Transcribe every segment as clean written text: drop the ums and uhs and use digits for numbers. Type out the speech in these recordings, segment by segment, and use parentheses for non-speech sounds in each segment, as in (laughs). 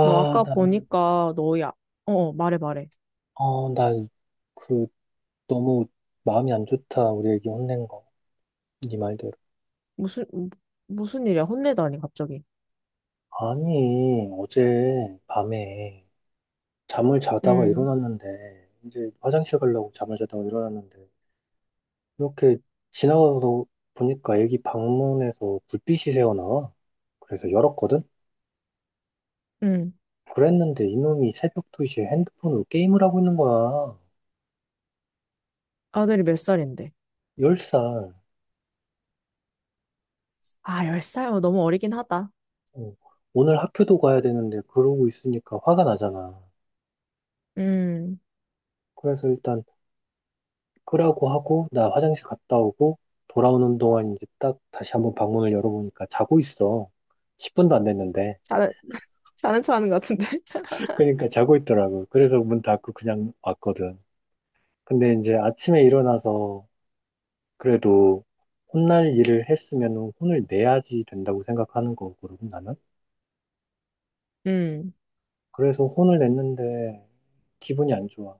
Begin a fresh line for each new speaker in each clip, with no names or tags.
너 아까
나,
보니까 너야. 어, 어, 말해, 말해.
어, 나, 그, 너무 마음이 안 좋다. 우리 애기 혼낸 거. 네 말대로.
무슨, 무- 무슨 일이야? 혼내다니, 갑자기.
아니, 어제 밤에 잠을 자다가
음,
일어났는데, 이제 화장실 가려고 잠을 자다가 일어났는데, 이렇게 지나가서 보니까 애기 방문에서 불빛이 새어나와. 그래서 열었거든?
음.
그랬는데 이놈이 새벽 2시에 핸드폰으로 게임을 하고 있는 거야.
아들이 몇 살인데?
10살.
아, 10살? 어, 너무 어리긴 하다.
오늘 학교도 가야 되는데 그러고 있으니까 화가 나잖아.
음,
그래서 일단 끄라고 하고 나 화장실 갔다 오고 돌아오는 동안 이제 딱 다시 한번 방문을 열어보니까 자고 있어. 10분도 안 됐는데.
자는, 자는 척 하는 것 같은데. (laughs)
(laughs) 그러니까 자고 있더라고. 그래서 문 닫고 그냥 왔거든. 근데 이제 아침에 일어나서 그래도 혼날 일을 했으면 혼을 내야지 된다고 생각하는 거거든, 나는.
음.
그래서 혼을 냈는데 기분이 안 좋아.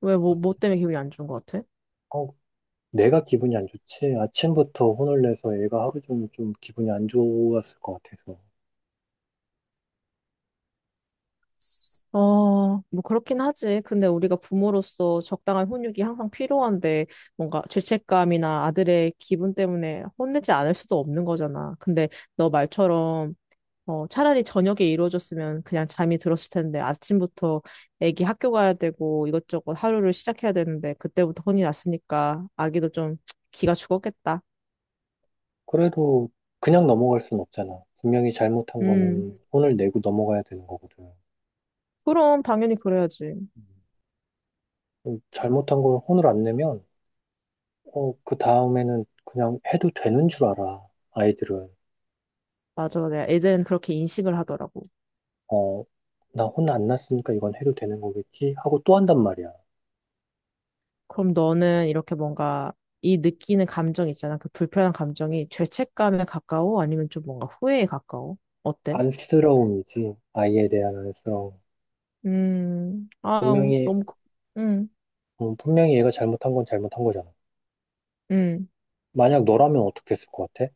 왜,
아,
뭐 때문에 기분이 안 좋은 것 같아?
어, 내가 기분이 안 좋지? 아침부터 혼을 내서 얘가 하루 종일 좀 기분이 안 좋았을 것 같아서.
어, 뭐 그렇긴 하지. 근데 우리가 부모로서 적당한 훈육이 항상 필요한데 뭔가 죄책감이나 아들의 기분 때문에 혼내지 않을 수도 없는 거잖아. 근데 너 말처럼 어, 차라리 저녁에 이루어졌으면 그냥 잠이 들었을 텐데 아침부터 애기 학교 가야 되고 이것저것 하루를 시작해야 되는데 그때부터 혼이 났으니까 아기도 좀 기가 죽었겠다.
그래도 그냥 넘어갈 순 없잖아. 분명히 잘못한
음,
거는 혼을 내고 넘어가야 되는 거거든.
그럼 당연히 그래야지.
음. 잘못한 걸 혼을 안 내면, 그 다음에는 그냥 해도 되는 줄 알아, 아이들은.
맞아. 내가 애들은 그렇게 인식을 하더라고.
어, 나 혼 안 났으니까 이건 해도 되는 거겠지? 하고 또 한단 말이야.
그럼 너는 이렇게 뭔가 이 느끼는 감정 있잖아. 그 불편한 감정이 죄책감에 가까워? 아니면 좀 뭔가 후회에 가까워? 어때?
안쓰러움이지, 아이에 대한 안쓰러움.
아우,
분명히,
너무. 음,
분명히 얘가 잘못한 건 잘못한 거잖아.
음.
만약 너라면 어떻게 했을 것 같아?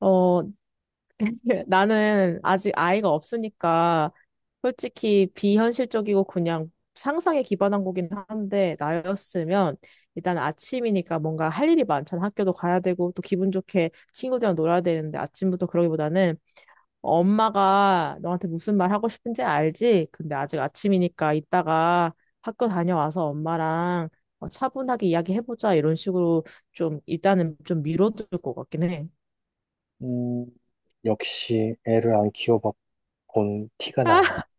어, (laughs) 예, 나는 아직 아이가 없으니까 솔직히 비현실적이고 그냥 상상에 기반한 거긴 한데 나였으면 일단 아침이니까 뭔가 할 일이 많잖아. 학교도 가야 되고 또 기분 좋게 친구들이랑 놀아야 되는데 아침부터 그러기보다는 엄마가 너한테 무슨 말 하고 싶은지 알지? 근데 아직 아침이니까 이따가 학교 다녀와서 엄마랑 어, 차분하게 이야기해보자 이런 식으로 좀 일단은 좀 밀어둘 것 같긴 해.
음, 역시 애를 안 키워봐 본 티가 나요.
(laughs)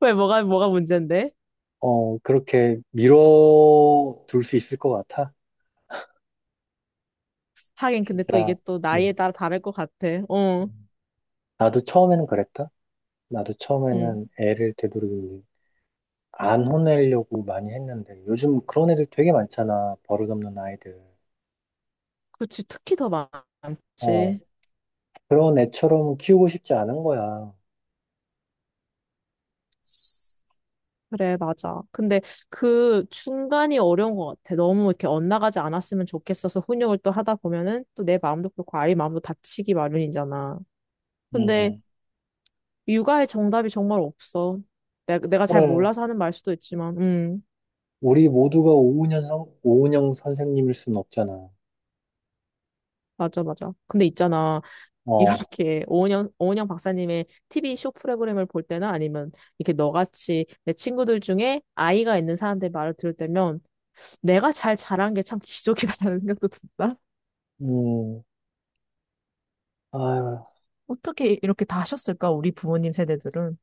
왜 뭐가 문제인데?
그렇게 밀어둘 수 있을 것 같아.
하긴 근데 또 이게
진짜,
또 나이에
음.
따라 다를 것 같아. 어,
나도 처음에는 그랬다. 나도
응.
처음에는 애를 되도록이면 안 혼내려고 많이 했는데, 요즘 그런 애들 되게 많잖아. 버릇없는 아이들.
그렇지. 특히 더
어,
많지.
그런 애처럼 키우고 싶지 않은 거야.
그래, 맞아. 근데 그 중간이 어려운 것 같아. 너무 이렇게 엇나가지 않았으면 좋겠어서 훈육을 또 하다 보면은 또 내 마음도 그렇고 아이 마음도 다치기 마련이잖아. 근데
음,
육아의 정답이 정말 없어. 내가 잘
그래.
몰라서 하는 말 수도 있지만,
우리 모두가 오은영 선생님일 순 없잖아.
맞아, 맞아. 근데 있잖아.
어,
이렇게 오은영 박사님의 TV 쇼 프로그램을 볼 때나 아니면 이렇게 너같이 내 친구들 중에 아이가 있는 사람들 말을 들을 때면 내가 잘 자란 게 참 기적이다라는 생각도 든다.
음, 아,
어떻게 이렇게 다 하셨을까, 우리 부모님 세대들은.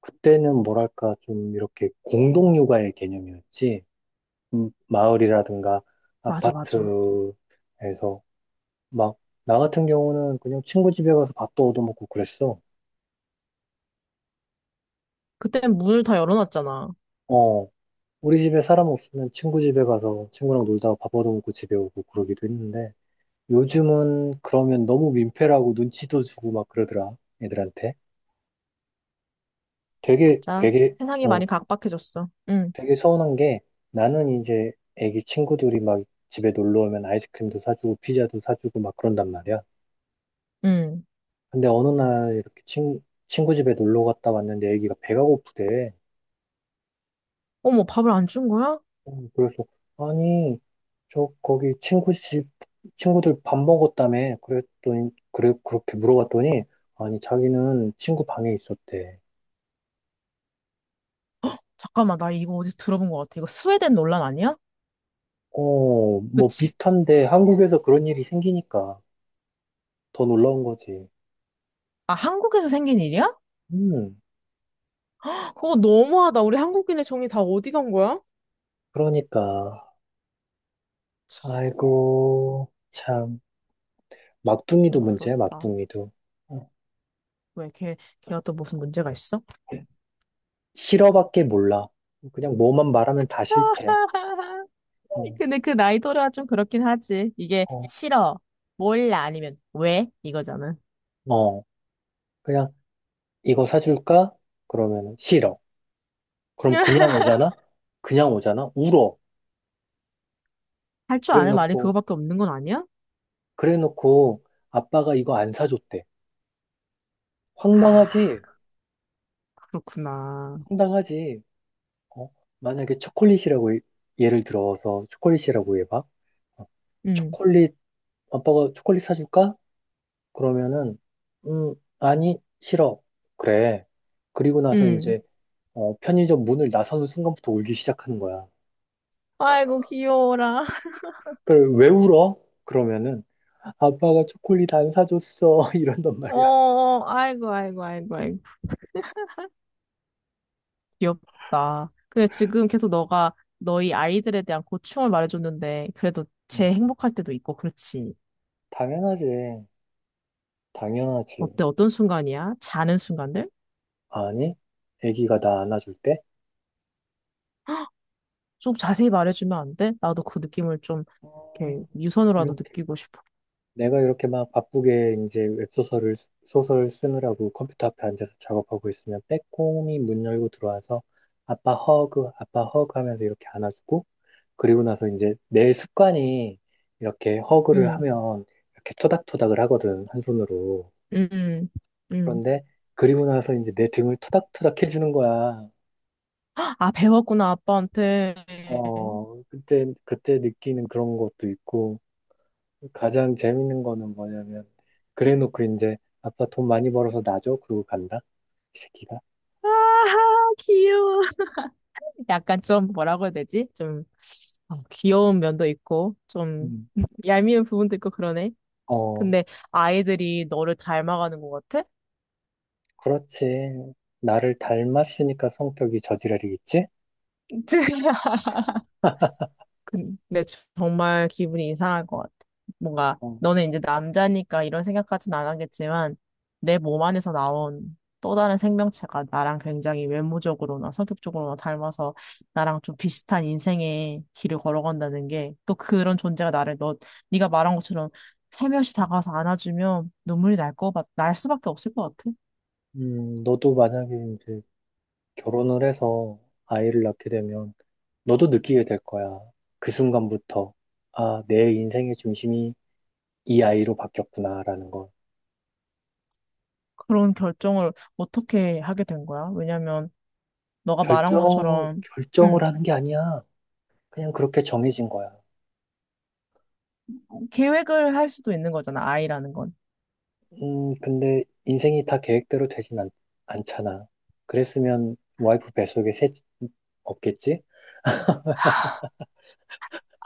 그때는 뭐랄까, 좀 이렇게 공동육아의 개념이었지. 마을이라든가
맞아, 맞아.
아파트에서 막 나 같은 경우는 그냥 친구 집에 가서 밥도 얻어먹고 그랬어.
그때는 문을 다 열어놨잖아.
어, 우리 집에 사람 없으면 친구 집에 가서 친구랑 놀다가 밥 얻어먹고 집에 오고 그러기도 했는데 요즘은 그러면 너무 민폐라고 눈치도 주고 막 그러더라, 애들한테. 되게
맞아.
되게
세상이
어,
많이 각박해졌어. 응,
되게 서운한 게 나는 이제 애기 친구들이 막 집에 놀러 오면 아이스크림도 사주고 피자도 사주고 막 그런단 말이야.
응.
근데 어느 날 이렇게 친구 집에 놀러 갔다 왔는데 애기가 배가 고프대.
어머, 밥을 안 준 거야?
그래서, 아니, 저, 거기 친구 집, 친구들 밥 먹었다며. 그렇게 물어봤더니, 아니, 자기는 친구 방에 있었대.
잠깐만, 나 이거 어디서 들어본 것 같아. 이거 스웨덴 논란 아니야?
뭐
그치?
비슷한데 한국에서 그런 일이 생기니까 더 놀라운 거지.
아, 한국에서 생긴 일이야?
음,
그거 너무하다. 우리 한국인의 정이 다 어디 간 거야?
그러니까. 아이고, 참. 막둥이도
좀
문제야,
그렇다.
막둥이도. 어,
왜 걔가 또 무슨 문제가 있어?
싫어밖에 몰라. 그냥 뭐만 말하면 다 싫대.
(laughs)
어,
근데 그 나이 또래가 좀 그렇긴 하지. 이게
어,
싫어, 몰라, 아니면 왜? 이거잖아.
어. 그냥 이거 사줄까? 그러면 싫어. 그럼 그냥
(laughs)
오잖아? 그냥 오잖아? 울어.
할 줄
그래
아는 말이
놓고,
그거밖에 없는 건 아니야?
그래 놓고 아빠가 이거 안 사줬대.
아,
황당하지?
그렇구나.
황당하지? 어? 만약에 초콜릿이라고 예를 들어서 초콜릿이라고 해봐. 어,
응,
초콜릿, 아빠가 초콜릿 사줄까? 그러면은, 아니, 싫어. 그래. 그리고 나서
응.
이제, 편의점 문을 나서는 순간부터 울기 시작하는 거야.
아이고, 귀여워라. (laughs)
그걸 왜 울어? 그러면은 아빠가 초콜릿 안 사줬어 (laughs) 이런단
어,
말이야.
어, 아이고, 아이고, 아이고, 아이고. 귀엽다. 근데 지금 계속 너가 너희 아이들에 대한 고충을 말해줬는데, 그래도
음,
제 행복할 때도 있고, 그렇지.
당연하지, 당연하지.
어때? 어떤 순간이야? 자는 순간들?
아니, 아기가 나 안아줄 때
좀 자세히 말해주면 안 돼? 나도 그 느낌을 좀 이렇게
어,
유선으로라도
이렇게
느끼고 싶어.
내가 이렇게 막 바쁘게 이제 웹소설을 소설을 쓰느라고 컴퓨터 앞에 앉아서 작업하고 있으면 빼꼼히 문 열고 들어와서 아빠 허그, 아빠 허그 하면서 이렇게 안아주고 그리고 나서 이제 내 습관이 이렇게 허그를
응,
하면 이렇게 토닥토닥을 하거든 한 손으로.
응, 응. 응.
그런데 그리고 나서 이제 내 등을 토닥토닥 해주는 거야.
아, 배웠구나, 아빠한테.
그때, 그때 느끼는 그런 것도 있고, 가장 재밌는 거는 뭐냐면, 그래 놓고 이제, 아빠 돈 많이 벌어서 나 줘? 그러고 간다? 이 새끼가.
아하, 귀여워. 약간 좀 뭐라고 해야 되지? 좀 어, 귀여운 면도 있고, 좀
음.
(laughs) 얄미운 부분도 있고 그러네.
어,
근데 아이들이 너를 닮아가는 것 같아?
그렇지. 나를 닮았으니까 성격이 저지랄이겠지?
(laughs) 근데 정말 기분이 이상할 것 같아. 뭔가
어.
너는 이제 남자니까 이런 생각까지는 안 하겠지만 내 몸 안에서 나온 또 다른 생명체가 나랑 굉장히 외모적으로나 성격적으로나 닮아서 나랑 좀 비슷한 인생의 길을 걸어간다는 게 또 그런 존재가 나를 너 네가 말한 것처럼 살며시 다가와서 안아주면 눈물이 날 거 같, 날 수밖에 없을 것 같아.
너도 만약에 이제 결혼을 해서 아이를 낳게 되면, 너도 느끼게 될 거야. 그 순간부터. 아, 내 인생의 중심이 이 아이로 바뀌었구나라는 걸.
그런 결정을 어떻게 하게 된 거야? 왜냐면 너가 말한
결정,
것처럼
결정을
음,
하는 게 아니야. 그냥 그렇게 정해진 거야.
계획을 할 수도 있는 거잖아, 아이라는 건.
근데 인생이 다 계획대로 되진 않잖아. 그랬으면 와이프 뱃속에 없겠지?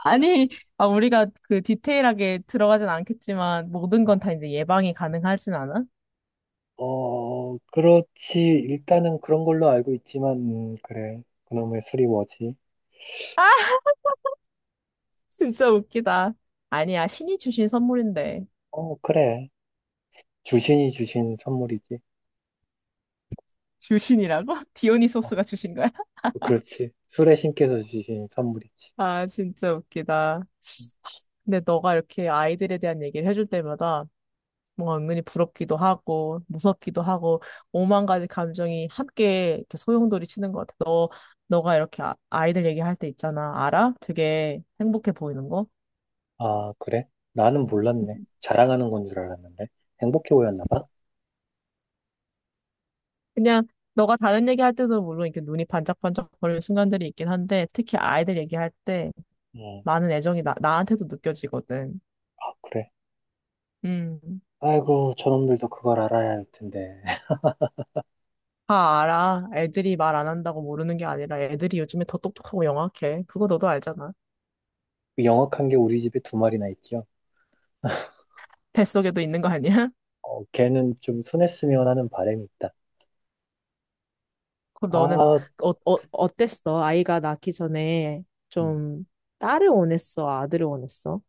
아니, 아, 우리가 그 디테일하게 들어가진 않겠지만, 모든 건
어,
다 이제 예방이 가능하진 않아?
어, 그렇지. 일단은 그런 걸로 알고 있지만, 그래. 그놈의 술이 뭐지?
아, (laughs) 진짜 웃기다. 아니야, 신이 주신 선물인데.
그래. 주신이 주신 선물이지.
주신이라고? (laughs)
어,
디오니소스가 주신 거야? (laughs)
그렇지. 술에 신께서 주신 선물이지.
아, 진짜 웃기다. 근데 너가 이렇게 아이들에 대한 얘기를 해줄 때마다 뭔가 은근히 부럽기도 하고 무섭기도 하고 오만 가지 감정이 함께 이렇게 소용돌이 치는 것 같아. 너 너가 이렇게 아이들 얘기할 때 있잖아. 알아? 되게 행복해 보이는 거.
아, 그래? 나는 몰랐네. 자랑하는 건 줄 알았는데. 행복해 보였나 봐?
그냥 너가 다른 얘기할 때도 물론 이렇게 눈이 반짝반짝 거리는 순간들이 있긴 한데 특히 아이들 얘기할 때
응.
많은 애정이 나한테도 느껴지거든.
아, 그래.
음.
아이고, 저놈들도 그걸 알아야 할 텐데. (laughs)
다 알아. 애들이 말 안 한다고 모르는 게 아니라 애들이 요즘에 더 똑똑하고 영악해. 그거 너도 알잖아.
그 영악한 게 우리 집에 두 마리나 있죠.
뱃속에도 있는 거 아니야?
걔는 좀 순했으면 하는 바람이 있다.
그럼 너는
아,
어땠어? 아이가 낳기 전에
음,
좀 딸을 원했어? 아들을 원했어?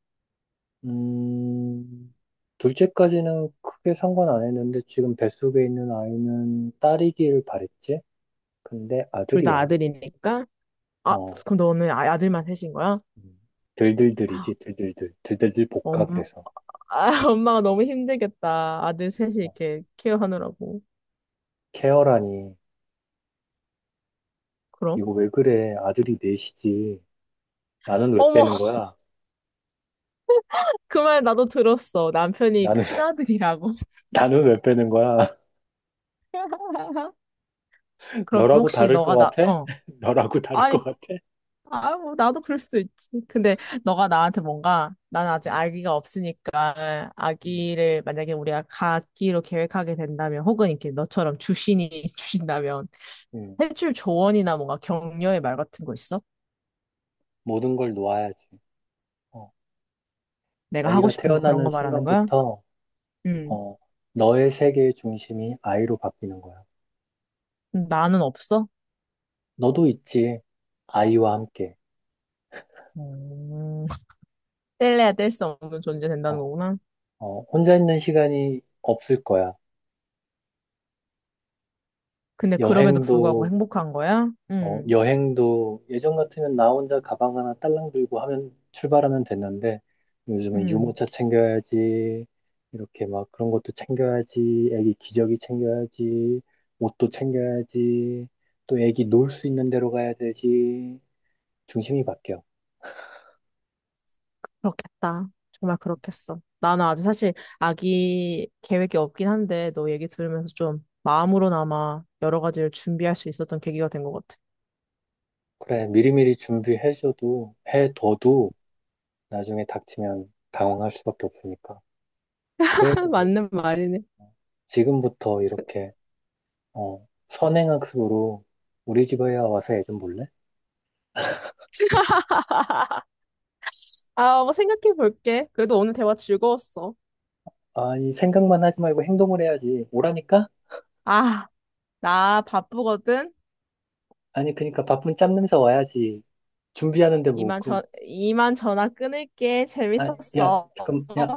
음, 둘째까지는 크게 상관 안 했는데 지금 뱃속에 있는 아이는 딸이길 바랬지? 근데
둘 다
아들이야.
아들이니까? 아,
어,
그럼 너는 아들만 셋인 거야?
음. 들들들이지, 들들들. 들들들 볶아,
엄,
그래서.
아, (laughs) 엄마가 너무 힘들겠다. 아들 셋이
어,
이렇게 케어하느라고.
케어라니.
그럼?
이거 왜 그래? 아들이 넷이지. 나는 왜
어머, (laughs)
빼는 거야?
그 말 나도 들었어. 남편이
나는, (laughs)
큰아들이라고.
나는 왜 빼는 거야?
(laughs)
(laughs)
그럼
너라고
혹시
다를 것
너가 나,
같아?
어.
(laughs) 너라고 다를 것
아니,
같아?
아, 뭐, 나도 그럴 수도 있지. 근데 너가 나한테 뭔가, 난 아직
음,
아기가 없으니까,
음,
아기를 만약에 우리가 갖기로 계획하게 된다면, 혹은 이렇게 너처럼 주신이 (laughs) 주신다면,
음.
해줄 조언이나 뭔가 격려의 말 같은 거 있어?
모든 걸 놓아야지. 어,
내가 하고
아이가
싶은 거 그런
태어나는
거 말하는 거야?
순간부터,
음.
어, 너의 세계의 중심이 아이로 바뀌는 거야.
나는 없어?
너도 있지. 아이와 함께.
음. 뗄래야 뗄 수 없는 존재 된다는
어,
거구나.
혼자 있는 시간이 없을 거야.
근데 그럼에도 불구하고
여행도
행복한 거야?
어,
음.
여행도 예전 같으면 나 혼자 가방 하나 딸랑 들고 하면 출발하면 됐는데 요즘은
음.
유모차 챙겨야지 이렇게 막 그런 것도 챙겨야지 애기 기저귀 챙겨야지 옷도 챙겨야지 또 애기 놀 수 있는 데로 가야 되지 중심이 바뀌어.
그렇겠다. 정말 그렇겠어. 나는 아직 사실 아기 계획이 없긴 한데 너 얘기 들으면서 좀 마음으로나마 여러 가지를 준비할 수 있었던 계기가 된 것 같아.
그래 미리미리 준비해줘도 해둬도 나중에 닥치면 당황할 수밖에 없으니까.
(laughs)
그래도
맞는 말이네.
지금부터
그-
이렇게 선행학습으로 우리 집에 와서 애 좀 볼래?
(laughs) 아, 뭐 생각해 볼게. 그래도 오늘 대화 즐거웠어.
아니, 생각만 하지 말고 행동을 해야지. 오라니까?
아, 나 바쁘거든.
아니, 그니까 바쁜 짬 냄새 와야지. 준비하는데 뭐,
이만
그럼,
전, 이만 전화 끊을게.
아, 야,
재밌었어.
잠깐, 야,